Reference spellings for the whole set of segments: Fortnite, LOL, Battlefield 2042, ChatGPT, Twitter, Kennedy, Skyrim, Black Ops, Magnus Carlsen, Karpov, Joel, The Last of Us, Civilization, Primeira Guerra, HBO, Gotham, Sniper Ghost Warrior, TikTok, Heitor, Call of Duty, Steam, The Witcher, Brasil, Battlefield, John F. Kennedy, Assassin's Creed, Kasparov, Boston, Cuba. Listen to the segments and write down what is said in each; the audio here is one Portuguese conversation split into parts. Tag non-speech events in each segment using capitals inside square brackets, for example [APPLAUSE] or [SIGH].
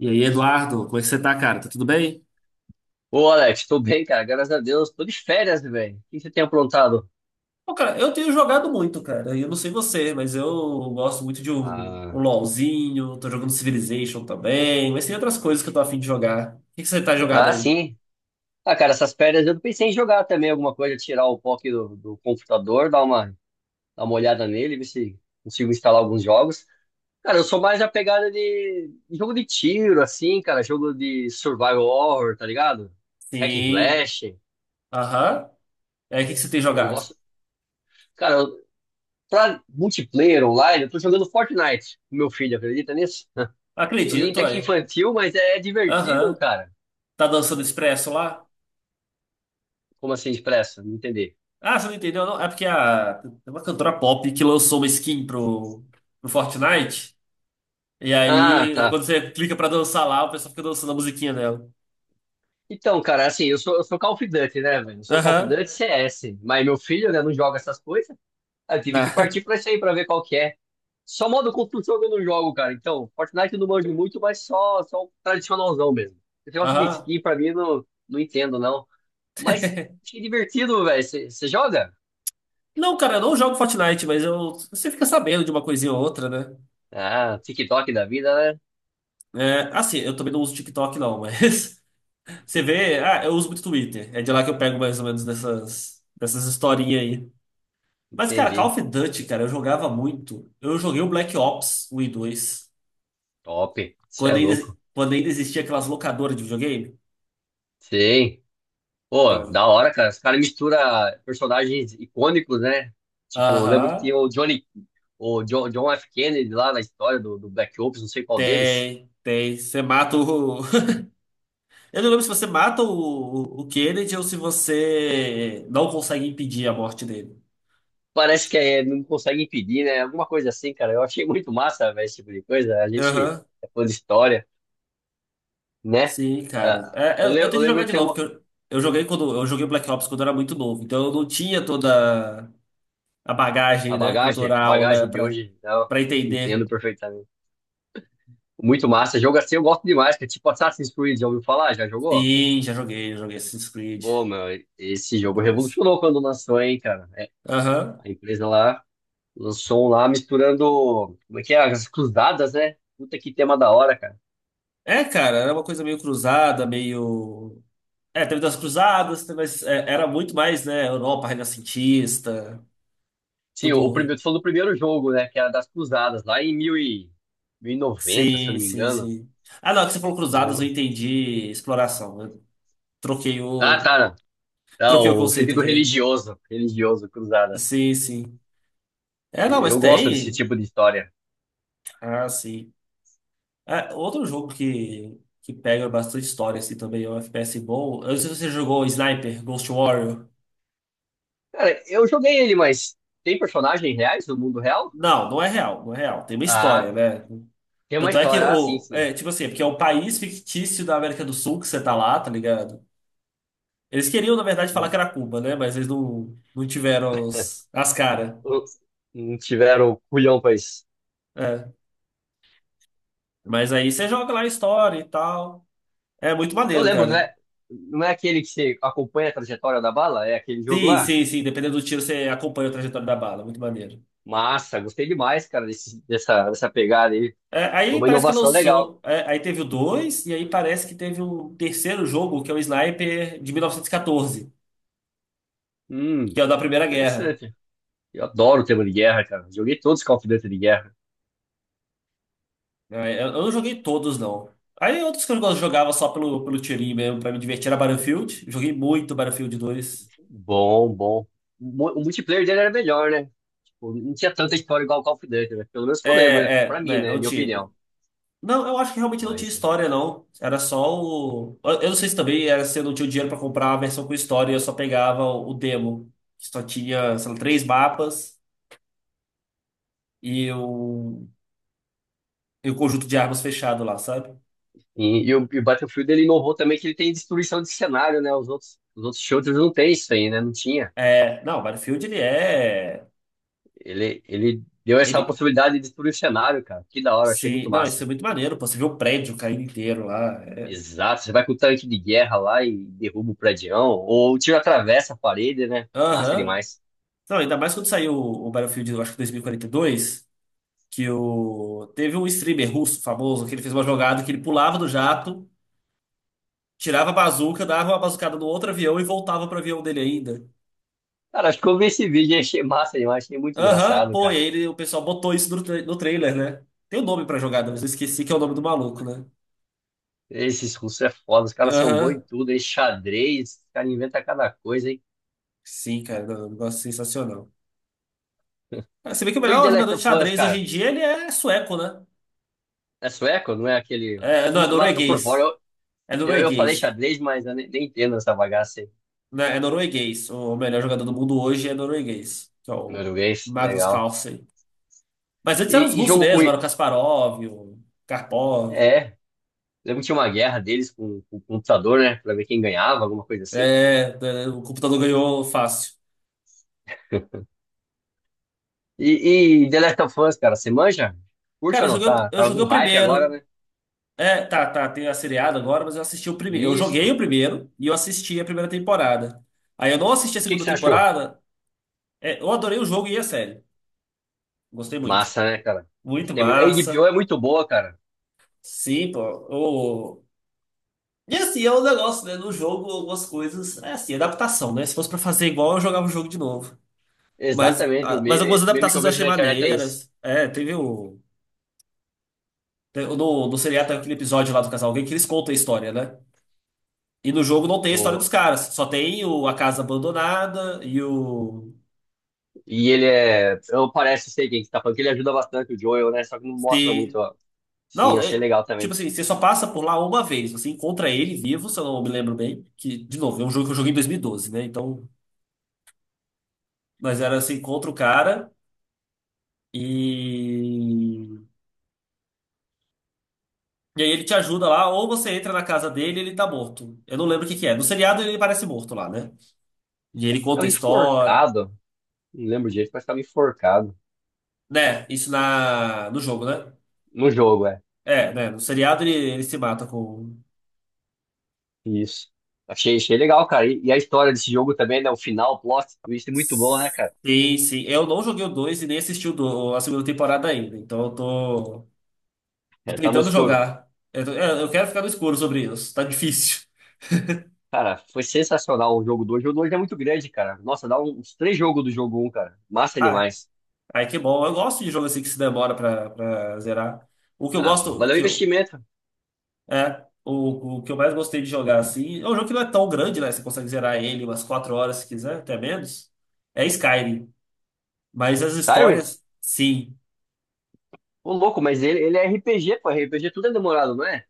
E aí, Eduardo, como é que você tá, cara? Tá tudo bem? Ô, Alex, tô bem, cara, graças a Deus. Tô de férias, velho. O que você tem aprontado? Pô, cara, eu tenho jogado muito, cara. Eu não sei você, mas eu gosto muito de um Ah, LOLzinho. Tô jogando Civilization também. Mas tem outras coisas que eu tô afim de jogar. O que que você tá jogado ah, aí? sim. Ah, cara, essas férias eu pensei em jogar também alguma coisa, tirar o POC do computador, dar uma olhada nele, ver se consigo instalar alguns jogos. Cara, eu sou mais a pegada de jogo de tiro, assim, cara, jogo de survival horror, tá ligado? Hack and Sim. slash. Aham. É, o que que você tem Eu jogado? gosto. Cara, pra multiplayer online, eu tô jogando Fortnite com meu filho, acredita nisso? [LAUGHS] Joguinho Acredito, até que aí. infantil, mas é divertido, Aham. cara. Tá dançando Expresso lá? Como assim, depressa? Não entendi. Ah, você não entendeu, não? É porque a, tem uma cantora pop que lançou uma skin pro Fortnite. E Ah, aí, tá. quando você clica pra dançar lá, o pessoal fica dançando a musiquinha dela. Então, cara, assim, eu sou Call of Duty, né, velho? Eu sou Call of Aham. Duty CS. Mas meu filho, né, não joga essas coisas. Aí eu tive Né? que partir pra isso aí, pra ver qual que é. Só modo construção que eu não jogo, cara. Então, Fortnite eu não manjo muito, mas só o tradicionalzão mesmo. Esse [LAUGHS] negócio de Aham. skin, pra mim, eu não, não entendo, não. Mas que divertido, velho. Você joga? Não, cara, eu não jogo Fortnite, mas eu, você fica sabendo de uma coisinha ou outra, né? Ah, TikTok da vida, né? É, assim, eu também não uso TikTok, não, mas [LAUGHS] você [LAUGHS] vê. Ah, eu uso muito Twitter. É de lá que eu pego mais ou menos dessas historinhas aí. Mas, cara, Call Entendi. of Duty, cara, eu jogava muito. Eu joguei o Black Ops 1 e dois Top. Você quando é ainda, louco. quando ainda existia aquelas locadoras de videogame. Sim. Pô, Então, da hora, cara. Os caras misturam personagens icônicos, né? Tipo, eu lembro que aham, tinha o Johnny, o John F. Kennedy lá na história do Black Ops, não sei qual deles. tem, tem. Você mata o. [LAUGHS] Eu não lembro se você mata o, o Kennedy ou se você não consegue impedir a morte dele. Parece que é, não consegue impedir, né? Alguma coisa assim, cara. Eu achei muito massa, velho, esse tipo de coisa. A gente Aham, é fã de história, né? sim, cara. Ah, É, eu, eu tenho eu que jogar lembro de ter novo, porque eu joguei quando eu joguei Black Ops quando eu era muito novo, então eu não tinha toda a a bagagem, né, bagagem, a cultural, né, bagagem de pra, hoje, né? Eu pra entender. entendo perfeitamente. Muito massa. Jogo assim eu gosto demais, que é tipo Assassin's Creed, já ouviu falar? Já jogou? Sim, já joguei Assassin's Creed. Pô, meu, esse jogo Mas... revolucionou quando lançou, hein, cara? É, Aham. a empresa lá lançou um lá misturando, como é que é? As cruzadas, né? Puta que tema da hora, cara. É, cara, era uma coisa meio cruzada, meio. É, teve das cruzadas, mas é, era muito mais, né, Europa renascentista, Sim, o tudo. primeiro, tu falou do primeiro jogo, né? Que era das cruzadas, lá em mil e noventa, se eu Sim, não me sim, engano. sim. Ah, não, é que você falou Eu cruzadas, eu lembro. entendi exploração. Eu troquei Ah, o, tá, não. Tá, troquei o o conceito sentido aqui. religioso, religioso, cruzadas. Sim, sim. É, não, E mas eu gosto desse tem. tipo de história. Ah, sim. É, outro jogo que pega bastante história, assim, também, é um FPS bom. Eu não sei se você jogou Sniper, Ghost Warrior. Cara, eu joguei ele, mas tem personagens reais do mundo real? Não, não é real, não é real. Tem uma história, Ah, né? tem uma Tanto é que, história, ah, sim, o, sim. é, tipo assim, é porque é um país fictício da América do Sul que você tá lá, tá ligado? Eles queriam, na verdade, falar que era Cuba, né? Mas eles não tiveram as caras. Não tiveram culhão pra isso. Mas aí você joga lá a história e tal. É muito Eu maneiro, lembro, não cara. é, não é aquele que você acompanha a trajetória da bala? É aquele jogo Sim, lá? sim, sim. Dependendo do tiro, você acompanha a trajetória da bala. Muito maneiro. Massa, gostei demais, cara, dessa pegada aí. É, Foi aí uma parece que inovação legal. lançou. É, aí teve o 2, e aí parece que teve um terceiro jogo, que é o Sniper de 1914, Hum, que é o da Primeira Guerra. Interessante. Eu adoro o tema de guerra, cara. Joguei todos os Call of Duty de guerra. É, eu não joguei todos, não. Aí outros que eu jogava só pelo tirinho mesmo, pra me divertir, era Battlefield. Joguei muito Battlefield dois. Bom, bom. O multiplayer dele era melhor, né? Tipo, não tinha tanta história igual o Call of Duty, né? Pelo menos que É, eu lembro, né? Pra é, mim, né, né? não Minha tinha. opinião. Não, eu acho que realmente não tinha Mas. história, não. Era só o. Eu não sei se também era se eu não tinha o dinheiro pra comprar a versão com história e eu só pegava o demo. Que só tinha, sei lá, três mapas e o, e o conjunto de armas fechado lá, sabe? E o Battlefield ele inovou também que ele tem destruição de cenário, né? Os outros shooters não tem isso aí, né? Não tinha. É, não, o Battlefield ele é. Ele deu essa Ele. possibilidade de destruir o cenário, cara. Que da hora, achei Sim, muito não, isso massa. é muito maneiro, pô. Você vê o prédio caindo inteiro lá. É. Exato, você vai com o tanque de guerra lá e derruba o predião, ou o tiro atravessa a parede, né? Massa Aham. demais. Não, ainda mais quando saiu o Battlefield, eu acho que 2042, que o... teve um streamer russo famoso que ele fez uma jogada que ele pulava do jato. Tirava a bazuca, dava uma bazucada no outro avião e voltava pro avião dele ainda. Cara, acho que eu vi esse vídeo e achei massa demais, achei muito Aham, engraçado, pô, e cara. aí o pessoal botou isso no, no trailer, né? Tem o um nome pra jogada, mas eu esqueci que é o nome do maluco, né? Esses russos é foda, os caras são bons Aham, em tudo, em xadrez, os caras inventam cada coisa, hein? sim, cara, não, um negócio sensacional. Ah, você vê que o E o melhor The Last jogador de of Us, xadrez hoje cara, em dia, ele é sueco, né? é sueco, não é aquele É, não, é russo lá, tá por fora. norueguês. É Eu falei norueguês. xadrez, mas eu nem entendo essa bagaça aí. Né? É norueguês. O melhor jogador do mundo hoje é norueguês, que é o Norueguês, Magnus legal. Carlsen. Mas antes eram os E russos jogo com. mesmo, era o Kasparov, o Karpov. É, lembro que tinha uma guerra deles com o computador, né? Pra ver quem ganhava, alguma coisa assim. É, é, é, o computador ganhou fácil. E The Last of Us, cara, você manja? Curte Cara, eu ou não? joguei, Tá, eu tá joguei num o hype agora, primeiro. né? É, tá, tá, tem a seriada agora, mas eu assisti o primeiro. Eu joguei o Isso. primeiro e eu assisti a primeira temporada. Aí eu não assisti a E o que, que segunda você achou? temporada. É, eu adorei o jogo e a série. Gostei muito. Massa, né, cara? Muito Gostei muito. A massa. HBO é muito boa, cara. Sim, pô. o- E assim, é um negócio, né? No jogo, algumas coisas. É assim, adaptação, né? Se fosse pra fazer igual, eu jogava o jogo de novo. Mas, Exatamente, o ah, mas algumas meme, o meme que eu adaptações eu vejo achei na internet é isso. maneiras. É, teve o. No, no seriado tem Só aquele episódio lá do casal gay que eles contam a história, né? E no jogo não tem a história dos Do, caras. Só tem o, a casa abandonada e o. E ele é. Eu parece sei quem que tá falando, que ele ajuda bastante o Joel, né? Só que não mostra muito, Se. ó. Sim, eu Não, achei é- legal tipo também. assim, você só passa por lá uma vez. Você encontra ele vivo, se eu não me lembro bem. Que, de novo, é um jogo que eu joguei em 2012, né? Então. Mas era você encontra o cara e. E aí ele te ajuda lá, ou você entra na casa dele e ele tá morto. Eu não lembro o que que é. No seriado ele parece morto lá, né? E ele Tava conta a história. enforcado. Não lembro direito, mas tava enforcado. Né, isso na, no jogo, né? No jogo, é. É, né? No seriado ele se mata com. Isso. Achei legal, cara. E a história desse jogo também, né? O final, o plot twist, é muito bom, né, cara? Sim, sim. Eu não joguei o 2 e nem assisti a segunda temporada ainda. Então eu tô, tô É, tá no tentando escuro. jogar. Eu, é, eu quero ficar no escuro sobre isso. Tá difícil. [LAUGHS] Cara, foi sensacional o jogo dois. O jogo 2 é muito grande, cara. Nossa, dá uns três jogos do jogo um, cara. Massa Ah, demais. ai, que bom. Eu gosto de jogo assim que se demora pra zerar. O que eu Ah, gosto, valeu o investimento. é, o que eu mais gostei de jogar assim. É um jogo que não é tão grande, né? Você consegue zerar ele umas 4 horas se quiser, até menos. É Skyrim. Mas as Skyrim? histórias, sim. Ô, louco, mas ele é RPG, pô. RPG tudo é demorado, não é?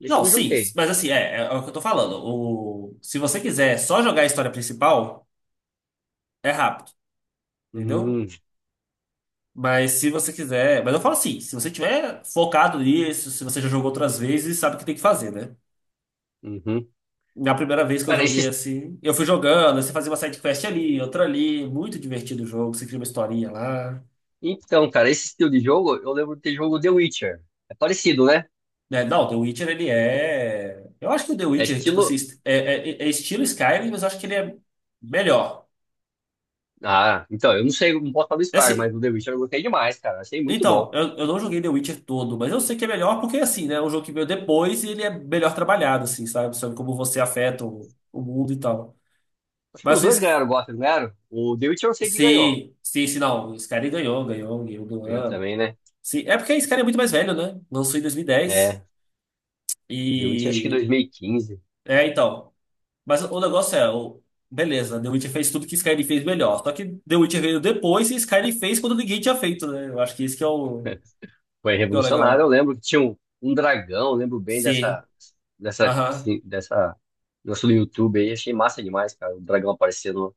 Isso eu Não, não sim, joguei. mas assim, é, é o que eu tô falando. O, se você quiser só jogar a história principal, é rápido, entendeu? Uhum, Mas se você quiser. Mas eu falo assim, se você tiver focado nisso, se você já jogou outras vezes, sabe o que tem que fazer, né? uhum. Na primeira vez que eu Cara, joguei esse... assim, eu fui jogando, aí você fazia uma side quest ali, outra ali, muito divertido o jogo, você cria uma historinha lá. Então, cara, esse estilo de jogo, eu lembro de ter jogo The Witcher. É parecido, né? Né? Não, The Witcher ele é. Eu acho que o The É Witcher, tipo estilo... assim, é, é estilo Skyrim, mas eu acho que ele é melhor. Ah, então, eu não sei, não posso falar do Skyrim, Assim, mas o The Witcher eu gostei demais, cara. Achei muito então, bom. Eu não joguei The Witcher todo, mas eu sei que é melhor porque, assim, né? É um jogo que veio depois e ele é melhor trabalhado, assim, sabe? Sobre como você afeta o mundo e tal. Acho que Mas os o dois Sc- ganharam o Gotham, não ganharam? O The Witcher eu sei que ganhou. sim, sim, sim, não. O Skyrim ganhou, ganhou do Ganhou ano. também, né? Sim, é porque o Skyrim é muito mais velho, né? Lançou em 2010 É, The Witcher acho e... que dez. 2015. E. É, então. Mas o negócio é, o, beleza, The Witcher fez tudo que Skyrim fez melhor. Só que The Witcher veio depois e Skyrim fez quando ninguém tinha feito, né? Eu acho que isso que é [LAUGHS] Foi que é o revolucionário, eu legal. lembro que tinha um dragão, eu lembro bem Sim, dessa... Dessa... aham, Dessa... Nosso YouTube aí, achei massa demais, cara. O dragão aparecendo.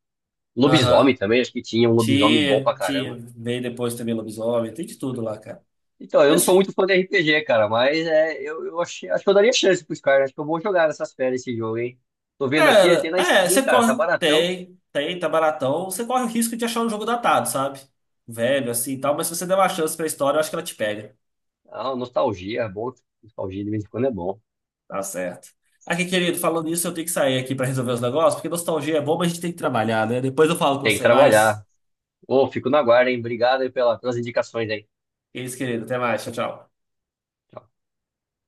aham. Lobisomem também, acho que tinha um lobisomem bom pra Tia, tia, caramba. veio depois também lobisomem, tem de tudo lá, cara. Então, eu E não sou assim, muito fã de RPG, cara, mas é, eu acho que eu daria chance pros caras. Acho que eu vou jogar nessas férias esse jogo, hein? Tô vendo aqui, ele tem cara, na é, Steam, você cara, tá corre, baratão. tem, tem, tá baratão, você corre o risco de achar um jogo datado, sabe? Velho, assim e tal, mas se você der uma chance pra história, eu acho que ela te pega. Ah, nostalgia, é bom. Nostalgia de vez em quando é bom. Tá certo. Aqui, querido, falando isso, eu tenho que sair aqui pra resolver os negócios, porque nostalgia é bom, mas a gente tem que trabalhar, né? Depois eu falo com Tem que você mais. trabalhar. Ô, fico na guarda, hein? Obrigado aí pelas indicações aí. É isso, querido, até mais, tchau, tchau. Tchau.